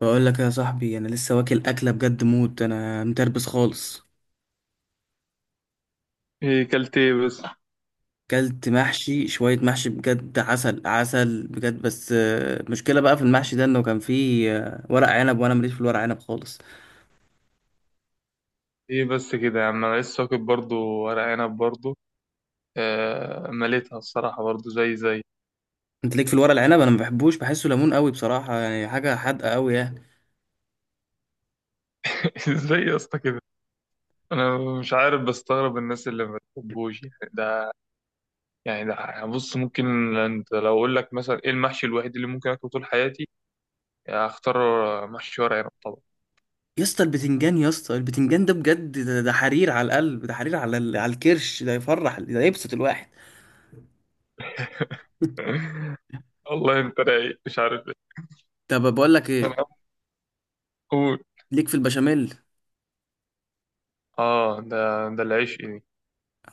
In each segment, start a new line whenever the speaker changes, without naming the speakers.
بقول لك يا صاحبي، انا لسه واكل اكله بجد موت، انا متربس خالص.
ايه كلت، ايه بس؟
كلت محشي، شويه محشي، بجد عسل عسل بجد. بس المشكله بقى في المحشي ده انه كان فيه ورق عنب، وانا ماليش في الورق عنب خالص.
ايه بس كده يا عم، انا لسه واكل برضه ورق عنب برضه. آه، مليتها الصراحة برضه زي.
انت ليك في الورق العنب، انا ما بحبوش، بحسه ليمون قوي بصراحه يعني، حاجه حادقه قوي يعني.
ازاي يا اسطى كده؟ انا مش عارف، بستغرب الناس اللي ما بتحبوش يعني ده يعني بص، ممكن انت لو اقول لك مثلا ايه المحشي الوحيد اللي ممكن اكله طول حياتي، اختار محشي ورق عنب طبعا.
يا اسطى البتنجان، يا اسطى البتنجان ده بجد، ده حرير على القلب، ده حرير على على الكرش، ده يفرح، ده يبسط الواحد
والله انت رايق مش عارف ايه.
طب بقول لك ايه،
انا. قول.
ليك في البشاميل؟
اه، ده العيش ايه.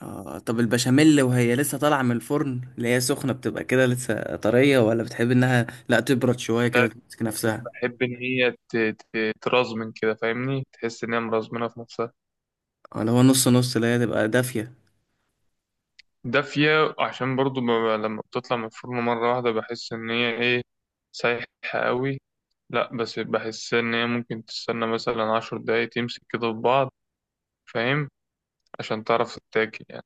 آه، طب البشاميل وهي لسه طالعة من الفرن اللي هي سخنة بتبقى كده لسه طرية، ولا بتحب انها لا تبرد شوية كده
لا،
تمسك نفسها،
بحب ان هي ترزمن كده فاهمني، تحس ان هي مرزمنه في نفسها.
ولا هو نص نص اللي هي تبقى دافية؟
دافية عشان برضو لما بتطلع من الفرن مرة واحدة بحس إن هي إيه، سايحة قوي. لأ، بس بحس إن هي ممكن تستنى مثلا 10 دقايق تمسك كده في بعض، فاهم؟ عشان تعرف تتاكل يعني.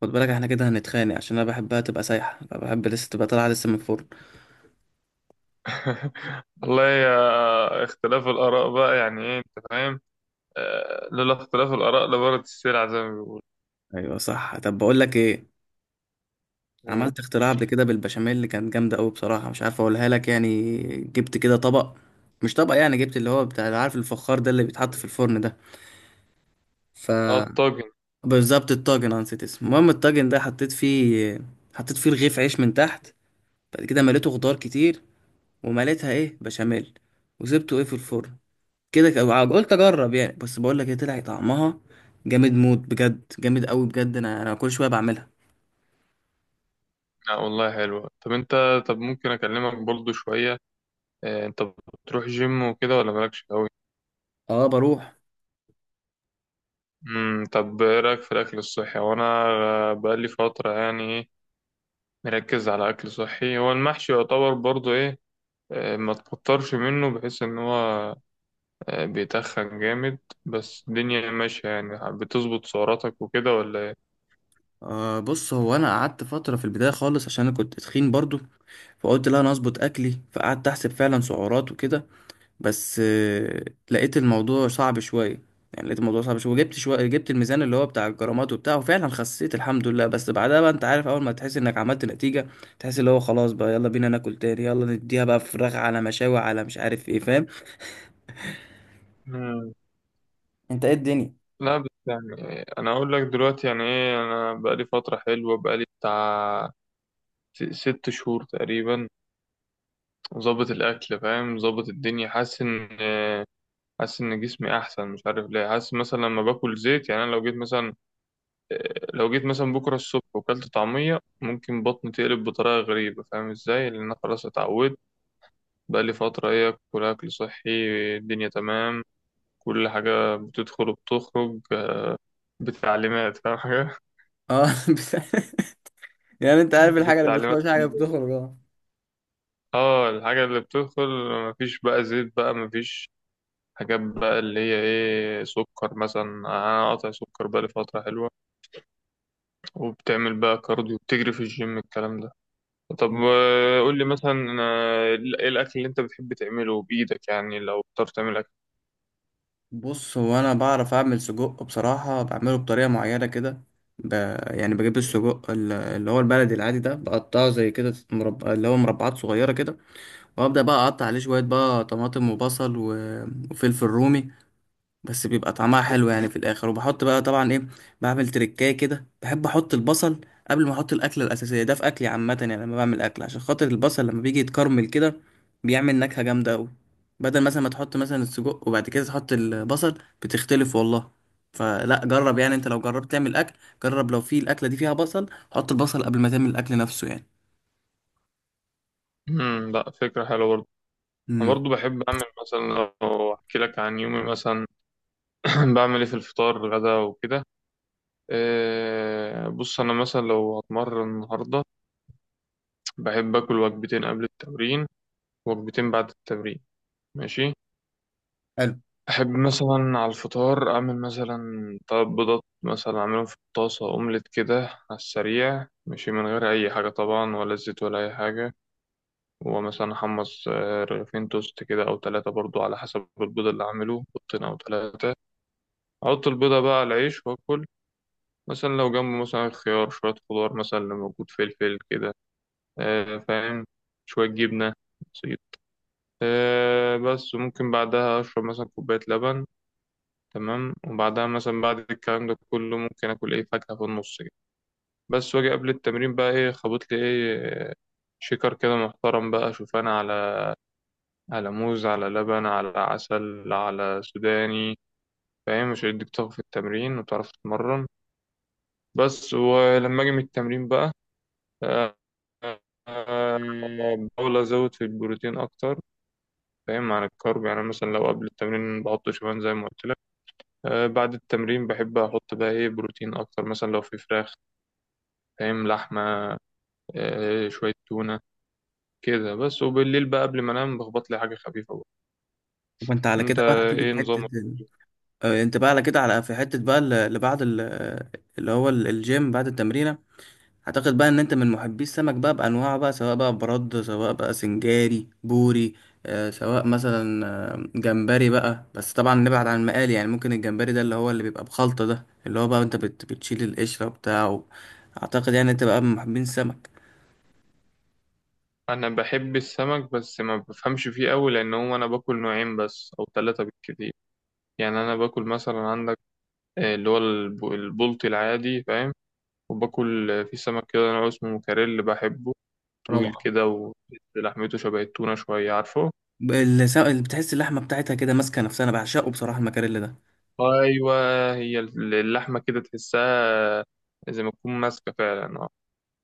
خد بالك احنا كده هنتخانق، عشان انا بحبها تبقى سايحة، بحب لسه تبقى طالعة لسه من الفرن.
والله يا اختلاف الآراء بقى، يعني إيه أنت فاهم. لولا اختلاف الآراء لبارت السلع زي ما بيقولوا.
ايوه صح. طب بقول لك ايه،
و-
عملت اختراع قبل كده بالبشاميل اللي كانت جامدة قوي، بصراحة مش عارف اقولها لك. يعني جبت كده طبق، مش طبق يعني، جبت اللي هو بتاع، عارف الفخار ده اللي بيتحط في الفرن ده؟ ف
اه، الطاجن.
بالظبط الطاجن، انا نسيت اسمه. المهم الطاجن ده حطيت فيه، حطيت فيه رغيف عيش من تحت، بعد كده مليته خضار كتير، ومليتها ايه، بشاميل، وسبته ايه، في الفرن كده. قلت اجرب يعني. بس بقول لك ايه، طلع طعمها جامد موت بجد، جامد قوي بجد. انا كل شويه بعملها.
لا والله حلوة. طب أنت، طب ممكن أكلمك برضو شوية؟ أنت بتروح جيم وكده ولا مالكش أوي؟
اه بروح.
طب ايه رايك في الاكل الصحي؟ وانا بقالي فتره يعني ايه، مركز على اكل صحي. هو المحشي يعتبر برضو ايه، ما تكترش منه بحيث ان هو بيتخن جامد. بس الدنيا ماشيه، يعني بتظبط سعراتك وكده ولا ايه؟
آه بص، هو انا قعدت فتره في البدايه خالص عشان انا كنت تخين برضو، فقلت لا، انا اظبط اكلي، فقعدت احسب فعلا سعرات وكده. بس لقيت الموضوع صعب شوية. يعني لقيت الموضوع صعب شوية، وجبت شوية، جبت الميزان اللي هو بتاع الجرامات وبتاع، وفعلا خسيت الحمد لله. بس بعدها بقى، انت عارف اول ما تحس انك عملت نتيجة، تحس اللي هو خلاص بقى، يلا بينا ناكل تاني، يلا نديها بقى فراخ على مشاوي على مش عارف ايه، فاهم؟
مم.
انت ايه الدنيا؟
لا، بس يعني انا اقول لك دلوقتي يعني ايه، انا بقالي فتره حلوه، بقالي بتاع 6 شهور تقريبا، ظابط الاكل فاهم، ظابط الدنيا، حاسس ان جسمي احسن. مش عارف ليه، حاسس مثلا لما باكل زيت يعني، انا لو جيت مثلا بكره الصبح وكلت طعميه ممكن بطني تقلب بطريقه غريبه، فاهم ازاي؟ لان انا خلاص اتعودت. بقالي فتره ايه، اكل صحي. الدنيا تمام، كل حاجه بتدخل وبتخرج بالتعليمات، فاهم حاجه؟
اه بس- يعني انت عارف الحاجة اللي
بالتعليمات.
بتخش حاجة بتخرج، اه.
اه، الحاجه اللي بتدخل، مفيش بقى زيت، بقى مفيش حاجات بقى اللي هي ايه، سكر مثلا. انا قاطع سكر بقالي فتره حلوه. وبتعمل بقى كارديو، بتجري في الجيم الكلام ده؟ طب قول لي مثلا، آه، ايه الاكل اللي انت بتحب تعمله بايدك يعني، لو بتعرف تعمل اكل.
بص هو انا بعرف اعمل سجق بصراحة، بعمله بطريقة معينة كده. ب... يعني بجيب السجق اللي هو البلدي العادي ده، بقطعه زي كده اللي هو مربعات صغيرة كده، وابدا بقى اقطع عليه شويه بقى طماطم وبصل وفلفل رومي. بس بيبقى طعمها حلو يعني في الاخر. وبحط بقى طبعا ايه، بعمل تريكايه كده، بحب احط البصل قبل ما احط الاكله الاساسيه ده في اكلي عامه يعني. لما بعمل اكل عشان خاطر البصل، لما بيجي يتكرمل كده بيعمل نكهه جامده قوي، بدل مثلا ما تحط مثلا السجق وبعد كده تحط البصل، بتختلف والله. فلا جرب يعني، انت لو جربت تعمل اكل، جرب لو في الاكله دي فيها بصل، حط البصل قبل ما تعمل الاكل نفسه يعني.
لا، فكره حلوه برضه. انا
امم،
برضه بحب اعمل مثلا، لو احكي لك عن يومي مثلا، بعمل ايه في الفطار غدا وكده. بص انا مثلا لو هتمرن النهارده، بحب اكل وجبتين قبل التمرين، وجبتين بعد التمرين، ماشي.
حلو.
أحب مثلا على الفطار أعمل مثلا تلات بيضات مثلا، أعملهم في الطاسة أومليت كده على السريع، ماشي، من غير أي حاجة طبعا، ولا زيت ولا أي حاجة. ومثلا أحمص رغيفين توست كده أو تلاتة، برضو على حسب البيض اللي أعمله، بيضتين أو تلاتة. أحط البيضة بقى على العيش وأكل، مثلا لو جنبه مثلا خيار، شوية خضار مثلا اللي موجود، فلفل كده، فاهم، شوية جبنة، بسيط. بس ممكن بعدها أشرب مثلا كوباية لبن. تمام. وبعدها مثلا بعد الكلام ده كله ممكن اكل ايه، فاكهة في النص كده. بس واجي قبل التمرين بقى ايه، خبط لي ايه، شيكر كده محترم بقى، شوفان على موز، على لبن، على عسل، على سوداني. فاهم؟ مش هيديك طاقة في التمرين وتعرف تتمرن. بس ولما اجي من التمرين بقى، آه، آه، بحاول ازود في البروتين اكتر، فاهم؟ عن الكارب يعني، مثلا لو قبل التمرين بحط شوفان زي ما قلت لك، بعد التمرين بحب احط بقى ايه، بروتين اكتر، مثلا لو في فراخ، فاهم، لحمة، شوية تونة كده بس. وبالليل بقى قبل ما انام بخبط لي حاجة خفيفة بقى.
وانت على
انت
كده بقى هتيجي في
ايه
حته.
نظامك؟
آه، انت بقى على كده، على في حتة بقى اللي بعد اللي هو الجيم بعد التمرينة، اعتقد بقى ان انت من محبي السمك بقى بانواعه بقى، سواء بقى برد، سواء بقى سنجاري، بوري، سواء مثلا جمبري بقى. بس طبعا نبعد عن المقالي يعني، ممكن الجمبري ده اللي هو اللي بيبقى بخلطة ده، اللي هو بقى انت بتشيل القشرة بتاعه. اعتقد يعني انت بقى من محبين السمك.
انا بحب السمك بس ما بفهمش فيه قوي، لان هو انا باكل نوعين بس او ثلاثة بالكتير يعني. انا باكل مثلا عندك اللي هو البلطي العادي، فاهم. وباكل في سمك كده نوع اسمه موكاريل، بحبه. طويل
روعة.
كده، ولحمته شبه التونة شوية، عارفه؟
اللي بتحس اللحمة بتاعتها كده ماسكة نفسها، انا بعشقه بصراحة المكاريلي
ايوه، هي اللحمة كده تحسها زي ما تكون ماسكة فعلا.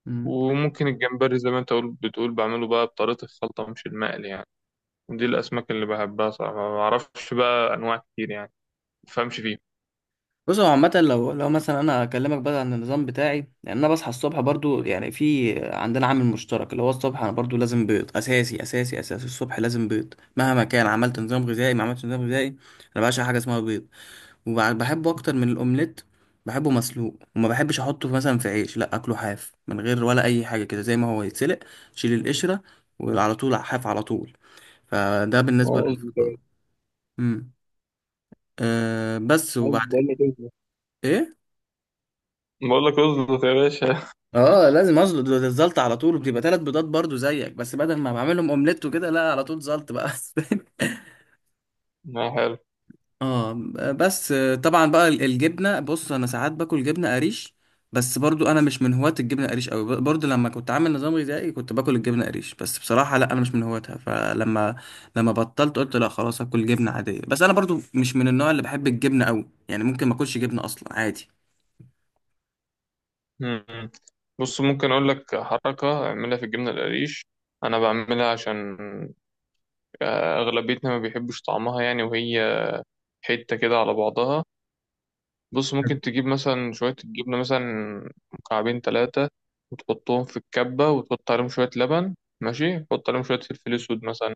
ده.
وممكن الجمبري زي ما انت بتقول، بعمله بقى بطريقة الخلطة مش المقلي يعني. دي الأسماك اللي بحبها صراحة، ما بعرفش بقى أنواع كتير يعني، ما بفهمش فيها.
بص هو عامة، لو مثلا أنا أكلمك بقى عن النظام بتاعي، لأن أنا بصحى الصبح برضو، يعني في عندنا عامل مشترك اللي هو الصبح، أنا برضو لازم بيض، أساسي أساسي أساسي، الصبح لازم بيض، مهما كان عملت نظام غذائي ما عملتش نظام غذائي. أنا بعشق حاجة اسمها بيض، وبحبه أكتر من الأومليت، بحبه مسلوق، وما بحبش أحطه مثلا في عيش، لأ، أكله حاف من غير ولا أي حاجة كده، زي ما هو يتسلق، شيل القشرة، وعلى طول حاف على طول. فده بالنسبة
عاوز بتاع-
للفطار. أمم. أه بس
عاوز
وبعد
بقول لك إيه؟
إيه؟
بقول لك اظبط يا باشا.
اه، لازم اظبط الزلط على طول، بتبقى 3 بيضات برضو زيك، بس بدل ما بعملهم اومليت وكده لا، على طول زلط بقى
ما حلو.
اه. بس طبعا بقى الجبنه، بص انا ساعات باكل جبنه قريش. بس برضو انا مش من هواة الجبنه قريش قوي. برضو لما كنت عامل نظام غذائي كنت باكل الجبنه قريش. بس بصراحه لا، انا مش من هواتها. لما بطلت قلت لا، خلاص اكل جبنه عاديه. بس انا برضو مش من النوع اللي بحب الجبنه قوي يعني، ممكن ما اكلش جبنه اصلا عادي.
مم. بص، ممكن أقول لك حركة أعملها في الجبنة القريش. أنا بعملها عشان أغلبيتنا ما بيحبوش طعمها يعني، وهي حتة كده على بعضها. بص ممكن تجيب مثلا شوية الجبنة، مثلا مكعبين تلاتة، وتحطهم في الكبة وتحط عليهم شوية لبن، ماشي، تحط عليهم شوية فلفل أسود مثلا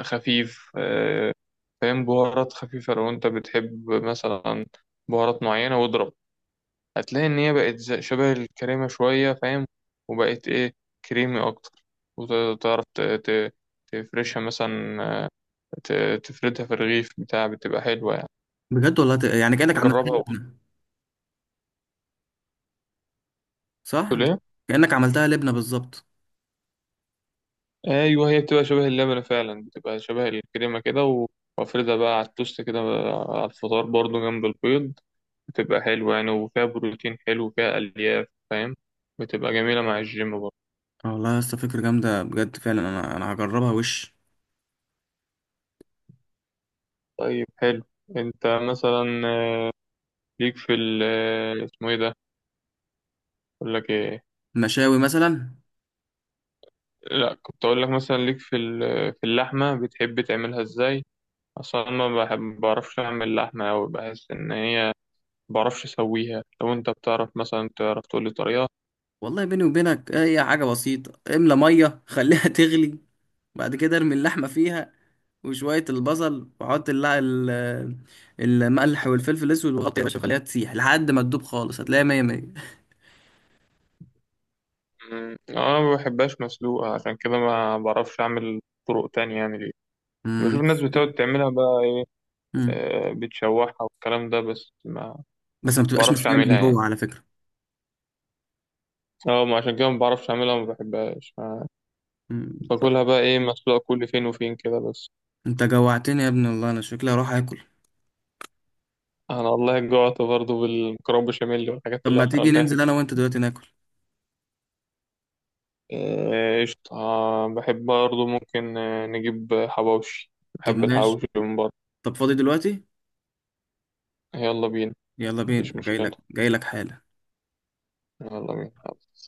خفيف، فاهم، بهارات خفيفة لو أنت بتحب مثلا بهارات معينة، واضرب. هتلاقي إن هي بقت شبه الكريمة شوية، فاهم؟ وبقت إيه، كريمي أكتر. وتعرف تفرشها مثلا، تفردها في الرغيف بتاع، بتبقى حلوة يعني.
بجد والله يعني كانك عملتها
جربها
لبنه. صح،
وقول.
كانك عملتها لبنه بالظبط.
ايوه، هي بتبقى شبه اللبنة فعلا، بتبقى شبه الكريمة كده وافردها بقى على التوست كده على الفطار برضو جنب البيض، بتبقى حلوة يعني، وفيها بروتين حلو، وفيها ألياف، فاهم، بتبقى جميلة مع الجيم برضو.
آه، والله يا اسطى فكرة جامدة بجد فعلا، انا هجربها وش.
طيب حلو. انت مثلا ليك في ال اسمه ايه ده، اقول لك ايه.
مشاوي مثلا.
لا، كنت اقول لك مثلا ليك في في اللحمة، بتحب تعملها ازاي؟ اصلا أنا ما بحب، بعرفش اعمل لحمة اوي، بحس ان هي، بعرفش اسويها. لو انت بتعرف مثلا، تعرف تقول لي طريقة؟
والله بيني وبينك هي حاجة بسيطة، املى مية، خليها تغلي، بعد كده ارمي اللحمة فيها، وشوية البصل، وحط الملح والفلفل الأسود وغطي يا باشا، خليها تسيح لحد ما تدوب خالص، هتلاقيها مية مية.
مم. انا ما بحبهاش مسلوقة، عشان كده ما بعرفش اعمل طرق تانية يعني ليه. بشوف
مم.
الناس بتقعد تعملها بقى ايه،
مم.
بتشوحها والكلام ده، بس ما
بس ما بتبقاش
بعرفش
مستوية
اعملها
من
يعني.
جوه على فكرة.
اه، ما عشان كده ما بعرفش اعملها، ما بحبهاش،
مم. بالظبط.
باكلها بقى ايه، مسلوقة كل فين وفين كده بس.
انت جوعتني يا ابن الله، انا شكلي هروح اكل.
انا والله جوعت برضو، بالمكرونة بشاميل والحاجات
طب
اللي
ما
احنا
تيجي
قلناها
ننزل
دي.
انا وانت دلوقتي ناكل؟
قشطة. بحب برضو، ممكن نجيب حواوشي،
طب
بحب
ماشي.
الحواوشي من بره.
طب فاضي دلوقتي؟
يلا بينا.
يلا بينا،
مفيش
انا جاي
مشكلة.
لك جاي لك حالا.
يلا بينا.